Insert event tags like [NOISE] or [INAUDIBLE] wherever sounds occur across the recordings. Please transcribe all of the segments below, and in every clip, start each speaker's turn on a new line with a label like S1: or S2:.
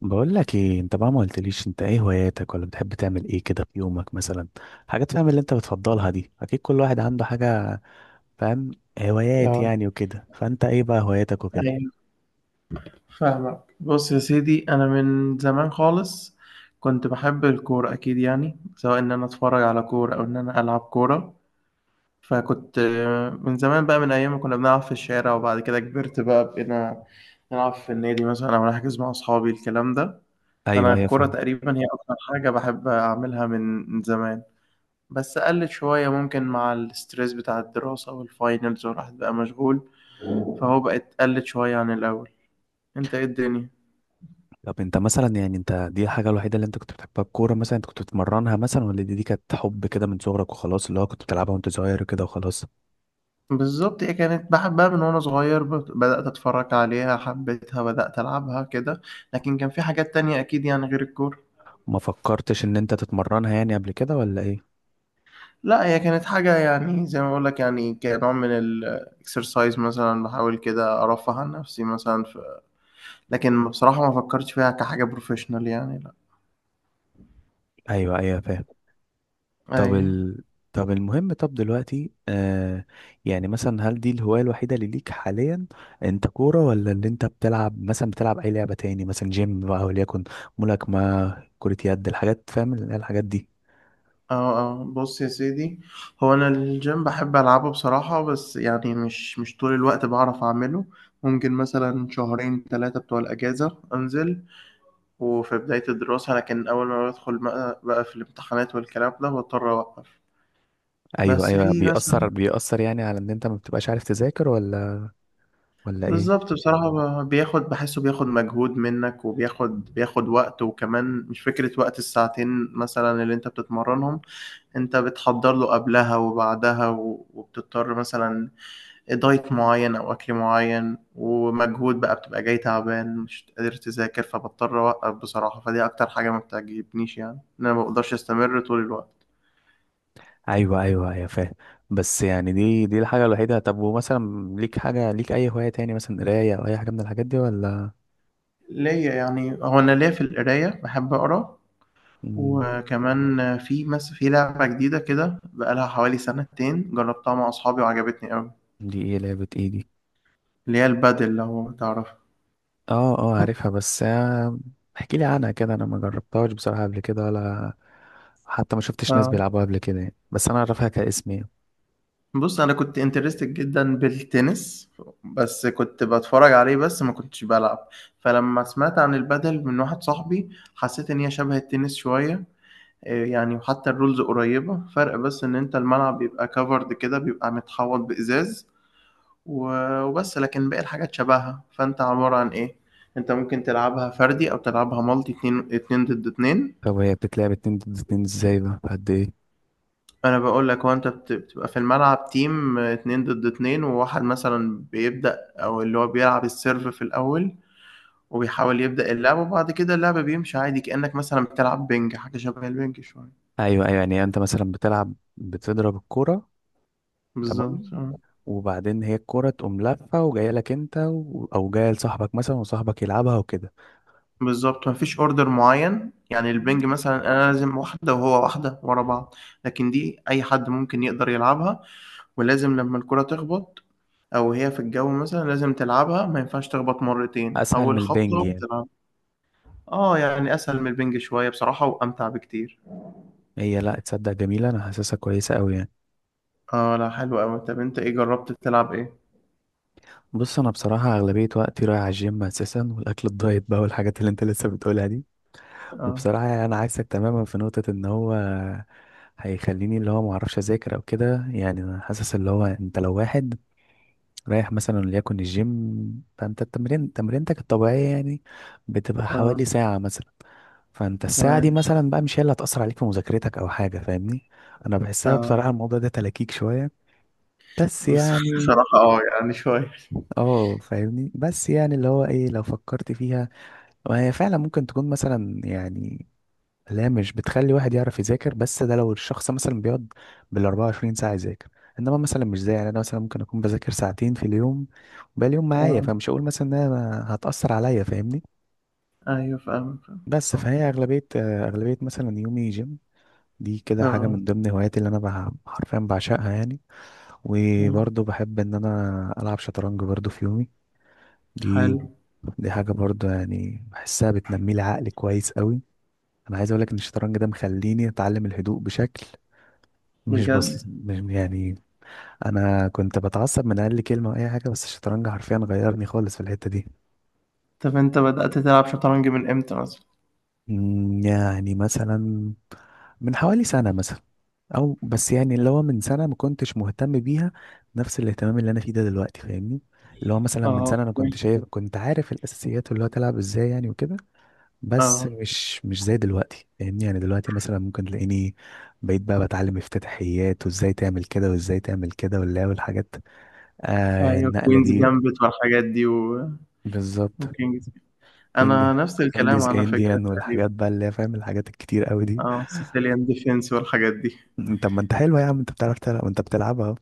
S1: بقول لك ايه انت بقى ما قلتليش انت ايه هواياتك ولا بتحب تعمل ايه كده في يومك مثلا. حاجات فاهم اللي انت بتفضلها دي اكيد كل واحد عنده حاجة. فاهم هوايات
S2: اه،
S1: يعني وكده فانت ايه بقى هواياتك وكده؟
S2: ايوه، فاهمك. بص يا سيدي، انا من زمان خالص كنت بحب الكوره، اكيد يعني، سواء ان انا اتفرج على كوره او ان انا العب كوره. فكنت من زمان بقى، من ايام ما كنا بنلعب في الشارع، وبعد كده كبرت بقى، بقينا نلعب في النادي مثلا، او نحجز مع اصحابي، الكلام ده.
S1: ايوه
S2: فانا
S1: ايوه
S2: الكوره
S1: فاهم.
S2: تقريبا هي اكتر حاجه بحب اعملها من زمان، بس قلت شويه ممكن مع الاسترس بتاع الدراسه والفاينلز، والواحد بقى مشغول، فهو بقت قلت شويه عن الاول. انت ايه الدنيا؟
S1: طب انت مثلا يعني انت دي الحاجه الوحيده اللي انت كنت بتحبها الكوره مثلا انت كنت بتمرنها مثلا ولا دي كانت حب كده من صغرك وخلاص اللي هو كنت بتلعبها وانت صغير كده وخلاص؟
S2: بالظبط، هي كانت بحبها من وانا صغير، بدأت اتفرج عليها، حبيتها، بدأت العبها كده. لكن كان في حاجات تانية اكيد يعني غير الكورة.
S1: ما فكرتش ان انت تتمرنها يعني قبل كده ولا ايه؟
S2: لا، هي كانت حاجة يعني زي ما بقول لك، يعني كنوع من الاكسرسايز مثلا، بحاول كده ارفه عن نفسي مثلا لكن بصراحة ما فكرتش فيها كحاجة بروفيشنال، يعني لا.
S1: ايوه ايوه فاهم. طب
S2: ايوه.
S1: ال... طب المهم طب دلوقتي يعني مثلا هل دي الهواية الوحيدة اللي ليك حاليا؟ انت كورة ولا اللي انت بتلعب مثلا بتلعب اي لعبة تاني مثلا جيم بقى وليكن ملاكمة كرة يد الحاجات فاهم اللي هي الحاجات دي؟
S2: اه، اه، بص يا سيدي، هو انا الجيم بحب العبه بصراحة، بس يعني مش طول الوقت بعرف اعمله. ممكن مثلا شهرين ثلاثة بتوع الأجازة أنزل، وفي بداية الدراسة، لكن أول ما بدخل بقى، في الامتحانات والكلام ده بضطر أوقف.
S1: ايوه
S2: بس
S1: ايوه،
S2: في مثلا،
S1: بيأثر بيأثر يعني على ان انت ما بتبقاش عارف تذاكر ولا ولا ايه؟
S2: بالظبط بصراحة، بياخد، بحسه بياخد مجهود منك، وبياخد وقت، وكمان مش فكرة وقت الساعتين مثلا اللي أنت بتتمرنهم، أنت بتحضر له قبلها وبعدها، وبتضطر مثلا دايت معين أو أكل معين ومجهود بقى، بتبقى جاي تعبان مش قادر تذاكر، فبضطر أوقف بصراحة. فدي أكتر حاجة ما بتعجبنيش يعني، إن أنا ما بقدرش أستمر طول الوقت.
S1: ايوه ايوه ايوه فاهم. بس يعني دي الحاجة الوحيدة؟ طب ومثلا ليك حاجة ليك اي هواية تاني مثلا قراية او اي حاجة من الحاجات دي ولا؟
S2: ليا يعني، هو أنا ليا في القراية، باحب أقرا.
S1: مم،
S2: وكمان في لعبة جديدة كده بقالها حوالي سنتين، جربتها مع أصحابي وعجبتني أوي.
S1: دي ايه، لعبة ايه دي؟
S2: اللي هي البادل، لو تعرفها.
S1: اه اه عارفها بس احكي لي عنها كده، انا ما جربتهاش بصراحة قبل كده ولا حتى ما شفتش ناس
S2: آه،
S1: بيلعبوها قبل كده يعني. بس انا اعرفها كاسم يعني.
S2: بص، أنا كنت انترستد جدا بالتنس، بس كنت بتفرج عليه بس، ما كنتش بلعب. فلما سمعت عن البادل من واحد صاحبي، حسيت إن هي شبه التنس شوية. يعني وحتى الرولز قريبة، فرق بس إن أنت الملعب بيبقى كفرد كده، بيبقى متحوط بإزاز، وبس، لكن باقي الحاجات شبهها. فانت عبارة عن ايه، انت ممكن تلعبها فردي او تلعبها مالتي، اتنين اتنين ضد اتنين.
S1: طب هي بتتلعب اتنين ضد اتنين ازاي بقى؟ قد ايه؟
S2: انا بقول لك، هو انت بتبقى في الملعب تيم اتنين ضد اتنين، وواحد مثلا بيبدأ، او اللي هو بيلعب السيرف في الاول، وبيحاول يبدأ اللعب، وبعد كده اللعب بيمشي عادي، كأنك مثلا بتلعب بينج، حاجة شبه البينج شوية.
S1: ايوه ايوه، يعني انت مثلا بتلعب بتضرب الكرة. تمام.
S2: بالظبط آه.
S1: وبعدين هي الكرة تقوم لافة وجاية لك انت او جاية لصاحبك مثلا وصاحبك يلعبها وكده؟
S2: بالظبط، مفيش اوردر معين. يعني البينج مثلا، انا لازم واحدة وهو واحدة ورا بعض، لكن دي اي حد ممكن يقدر يلعبها، ولازم لمّا الكرة تخبط أو هي في الجو مثلًا لازم تلعبها، ما ينفعش تخبط مرتين،
S1: اسهل من
S2: أول
S1: البنج
S2: خبطة
S1: يعني؟
S2: بتلعبها. يعني أسهل من البِنْج شوية بصراحة، وأمتع بكتير.
S1: هي لا تصدق جميلة، انا حاسسها كويسة قوي يعني.
S2: لأ حلو أوي. طَب أنت إيه جرّبت تلعب إيه؟
S1: بص انا بصراحه اغلبيه وقتي رايح على الجيم اساسا، والاكل الدايت بقى والحاجات اللي انت لسه بتقولها دي.
S2: آه.
S1: وبصراحه يعني انا عايزك تماما في نقطه ان هو هيخليني اللي هو ما اعرفش اذاكر او كده. يعني انا حاسس اللي هو انت لو واحد رايح مثلا وليكن الجيم، فانت التمرين تمرينتك الطبيعيه يعني بتبقى
S2: آه.
S1: حوالي ساعه مثلا. فانت الساعه دي
S2: تمام.
S1: مثلا بقى مش هي اللي هتاثر عليك في مذاكرتك او حاجه، فاهمني؟ انا بحسها
S2: آه.
S1: بصراحه الموضوع ده تلكيك شويه. بس
S2: بص [LAUGHS]
S1: يعني
S2: بصراحة يعني شوية.
S1: اه فاهمني، بس يعني اللي هو ايه لو فكرت فيها وهي فعلا ممكن تكون مثلا يعني لا مش بتخلي واحد يعرف يذاكر، بس ده لو الشخص مثلا بيقعد بال 24 ساعة يذاكر. انما مثلا مش زي يعني انا مثلا ممكن اكون بذاكر ساعتين في اليوم وباقي اليوم معايا،
S2: آه،
S1: فمش هقول مثلا انها هتأثر عليا، فاهمني؟
S2: أيوه فاهمك، فاهمك
S1: بس
S2: صح.
S1: فهي اغلبية اغلبية مثلا يومي جيم. دي كده حاجة
S2: آه،
S1: من ضمن هواياتي اللي انا حرفيا بعشقها يعني.
S2: أيوه.
S1: وبرضه بحب ان انا العب شطرنج برضه في يومي.
S2: حلو
S1: دي دي حاجة برضو يعني بحسها بتنمي لي عقلي كويس قوي. انا عايز اقول لك ان الشطرنج ده مخليني اتعلم الهدوء بشكل مش بسيط،
S2: بجد.
S1: مش يعني انا كنت بتعصب من اقل كلمة او اي حاجة، بس الشطرنج حرفيا غيرني خالص في الحتة دي.
S2: طَب أنت بدأت تلعب شطرنج من إمتى مثلًا؟
S1: يعني مثلا من حوالي سنة مثلا. او بس يعني اللي هو من سنة ما كنتش مهتم بيها نفس الاهتمام اللي انا فيه ده دلوقتي، فاهمني؟ اللي هو مثلا من
S2: آه.
S1: سنة انا كنت
S2: أوكي.
S1: شايف كنت عارف الاساسيات، اللي هو تلعب ازاي يعني وكده. بس
S2: آه،
S1: مش زي دلوقتي، فاهمني؟ يعني دلوقتي مثلا ممكن تلاقيني بقيت بقى بتعلم افتتاحيات وازاي تعمل كده وازاي تعمل كده ولا والحاجات، آه
S2: أيوه،
S1: النقلة
S2: كوينز
S1: دي.
S2: جامبت والحاجات دي، و
S1: بالظبط.
S2: وكينجز.
S1: كوينج
S2: انا نفس الكلام
S1: كوينجز
S2: على فكرة
S1: انديان
S2: تقريبا.
S1: والحاجات بقى اللي هي فاهم الحاجات الكتير قوي دي.
S2: اه، سيسيليان ديفنس والحاجات دي.
S1: م، طب ما انت حلوة يا عم، انت بتعرف تلعب وانت بتلعبها اهو.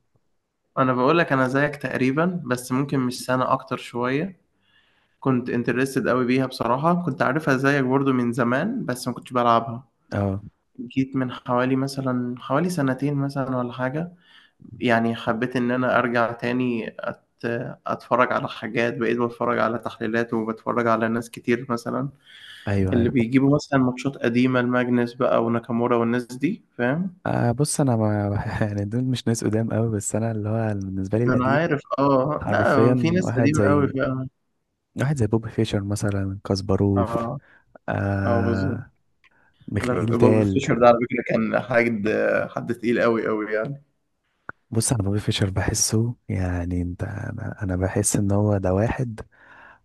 S2: انا بقول لك، انا زيك تقريبا بس ممكن مش سنة، اكتر شوية. كنت انترستد قوي بيها بصراحة، كنت عارفها زيك برضو من زمان بس ما كنتش بلعبها.
S1: اه،
S2: جيت من حوالي مثلا حوالي سنتين مثلا ولا حاجة، يعني حبيت ان انا ارجع تاني اتفرج على حاجات، بقيت بتفرج على تحليلات، وبتفرج على ناس كتير مثلا
S1: ايوه
S2: اللي
S1: ايوه.
S2: بيجيبوا مثلا ماتشات قديمة، الماجنس بقى وناكامورا والناس دي، فاهم.
S1: آه بص انا ما [LAUGHS] يعني دول مش ناس قدام قوي، بس انا اللي هو بالنسبه لي
S2: انا
S1: القديم
S2: عارف، اه، لا، في
S1: حرفيا
S2: ناس قديمه قوي فعلا.
S1: واحد زي بوب فيشر مثلا، كاسباروف،
S2: اه اه بالظبط.
S1: آه،
S2: انا
S1: ميخائيل
S2: بوب
S1: تال.
S2: فيشر ده على فكره كان حد تقيل قوي قوي يعني.
S1: بص انا بوبي فيشر بحسه يعني انت، انا بحس ان هو ده واحد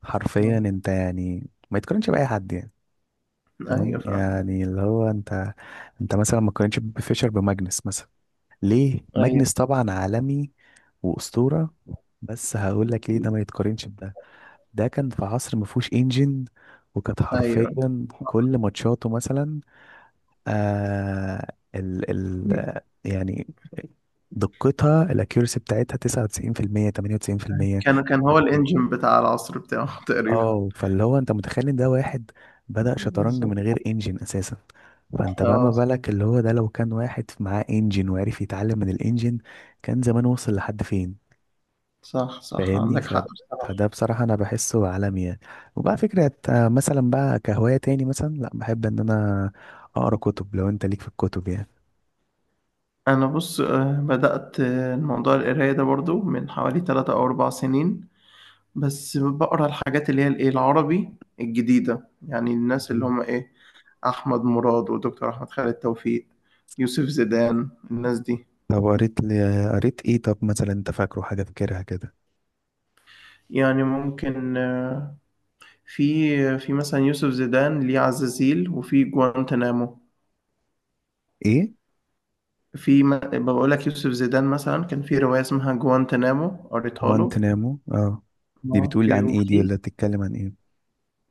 S1: حرفيا
S2: آه.
S1: انت يعني ما يتقارنش باي حد يعني. تمام
S2: ايوه فاهم.
S1: يعني اللي هو انت، انت مثلا ما تقارنش بوبي فيشر بماجنس مثلا. ليه
S2: ايوه
S1: ماجنس طبعا عالمي واسطوره، بس هقول لك ليه ده ما يتقارنش بده. ده كان في عصر ما فيهوش انجن، وكانت
S2: ايوه.
S1: حرفيا كل ماتشاته مثلا، آه، ال يعني دقتها الاكيورسي بتاعتها 99% 98%.
S2: كان هو الانجن بتاع العصر بتاعه [LAUGHS] تقريبا.
S1: اه فاللي هو انت متخيل ان ده واحد بدأ شطرنج
S2: بالظبط.
S1: من غير انجن اساسا. فانت بقى ما
S2: اه،
S1: بالك اللي هو ده لو كان واحد معاه انجن وعرف يتعلم من الانجن كان زمان وصل لحد فين؟
S2: صح صح،
S1: فاهمني؟
S2: عندك حق بصراحة.
S1: فده بصراحة أنا بحسه عالمي يعني. وبقى فكرة مثلا بقى كهواية تاني مثلا، لأ بحب إن أنا أقرأ كتب، لو أنت ليك في الكتب
S2: انا بص، بدأت الموضوع القراية ده برضو من حوالي 3 او 4 سنين. بس بقرا الحاجات اللي هي الايه العربي الجديدة، يعني الناس اللي
S1: يعني.
S2: هم ايه، احمد مراد ودكتور احمد خالد توفيق، يوسف زيدان، الناس دي.
S1: طب قريت لي قريت ايه؟ طب مثلا انت فاكره حاجة فاكرها كده؟
S2: يعني ممكن في مثلا، يوسف زيدان، ليه عزازيل وفي جوانتنامو.
S1: ايه
S2: في بقول لك، يوسف زيدان مثلا كان في رواية اسمها جوانتنامو، قريتها له.
S1: جوانتنامو؟ اه، دي بتقول
S2: اوكي.
S1: عن ايه دي،
S2: وفي،
S1: ولا بتتكلم عن ايه؟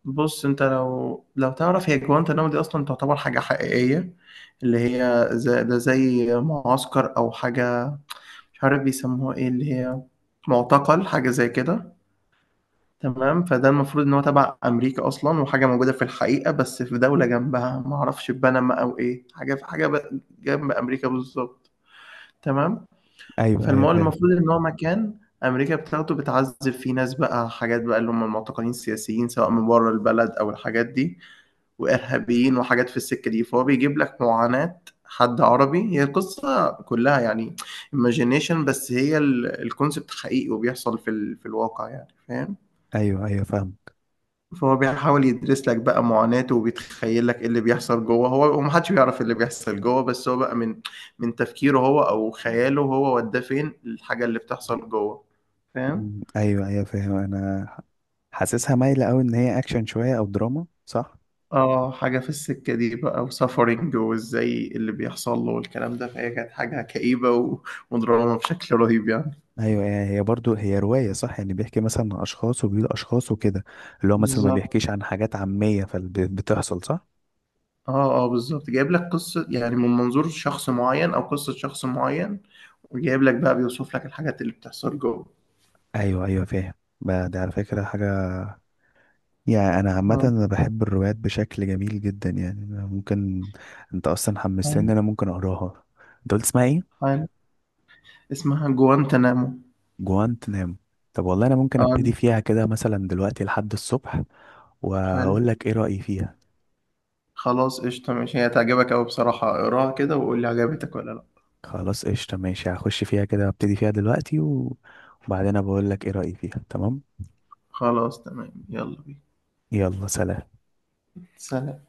S2: بص، انت لو تعرف، هي جوانتنامو دي اصلا تعتبر حاجة حقيقية، اللي هي زي ده، زي معسكر او حاجة، مش عارف بيسموها ايه، اللي هي معتقل، حاجة زي كده. تمام. فده المفروض ان هو تبع امريكا اصلا، وحاجه موجوده في الحقيقه، بس في دوله جنبها ما اعرفش بنما او ايه، حاجه في حاجه جنب امريكا بالظبط. تمام.
S1: ايوه ايوه
S2: فالمول
S1: فاهم.
S2: المفروض ان هو مكان امريكا بتاخده بتعذب فيه ناس بقى، حاجات بقى، اللي هم المعتقلين السياسيين سواء من بره البلد او الحاجات دي، وارهابيين وحاجات في السكه دي، فهو بيجيب لك معاناه حد عربي هي القصه كلها، يعني imagination، بس هي الكونسبت حقيقي وبيحصل في في الواقع، يعني فاهم.
S1: ايوه ايوه فاهمك.
S2: فهو بيحاول يدرس لك بقى معاناته، وبيتخيل لك إيه اللي بيحصل جوه، هو ومحدش بيعرف إيه اللي بيحصل جوه، بس هو بقى من تفكيره هو او خياله هو، وداه فين الحاجة اللي بتحصل جوه، فاهم.
S1: ايوه ايوه فاهم. انا حاسسها مايلة قوي ان هي اكشن شوية او دراما، صح؟
S2: اه، حاجة في السكة دي بقى، وسفرنج وازاي اللي بيحصل له والكلام ده، فهي كانت حاجة كئيبة ودراما بشكل رهيب يعني.
S1: ايوه، هي برضو هي رواية صح يعني بيحكي مثلا عن اشخاص وبيقول اشخاص وكده، اللي هو مثلا ما
S2: بالظبط.
S1: بيحكيش عن حاجات عامية فبتحصل، صح؟
S2: اه اه بالظبط، جايب لك قصة يعني من منظور شخص معين او قصة شخص معين، وجايب لك بقى بيوصف لك الحاجات اللي بتحصل جوه.
S1: ايوه ايوه فاهم. بقى دي على فكرة حاجة يعني انا عامه
S2: اه
S1: انا بحب الروايات بشكل جميل جدا يعني. أنا ممكن، انت اصلا حمستني إن انا ممكن اقراها. انت قلت اسمها ايه؟
S2: حلو. اسمها جوانتنامو.
S1: جوانت نام. طب والله انا ممكن
S2: اه
S1: ابتدي فيها كده مثلا دلوقتي لحد الصبح
S2: حلو.
S1: واقول لك ايه رايي فيها.
S2: خلاص قشطة ماشي، هي هتعجبك أوي بصراحة، اقراها كده وقول لي عجبتك ولا لأ.
S1: خلاص قشطه ماشي، هخش فيها كده ابتدي فيها دلوقتي وبعدين بقول لك ايه رايي فيها، تمام.
S2: خلاص تمام، يلا بينا.
S1: يلا سلام.
S2: سلام.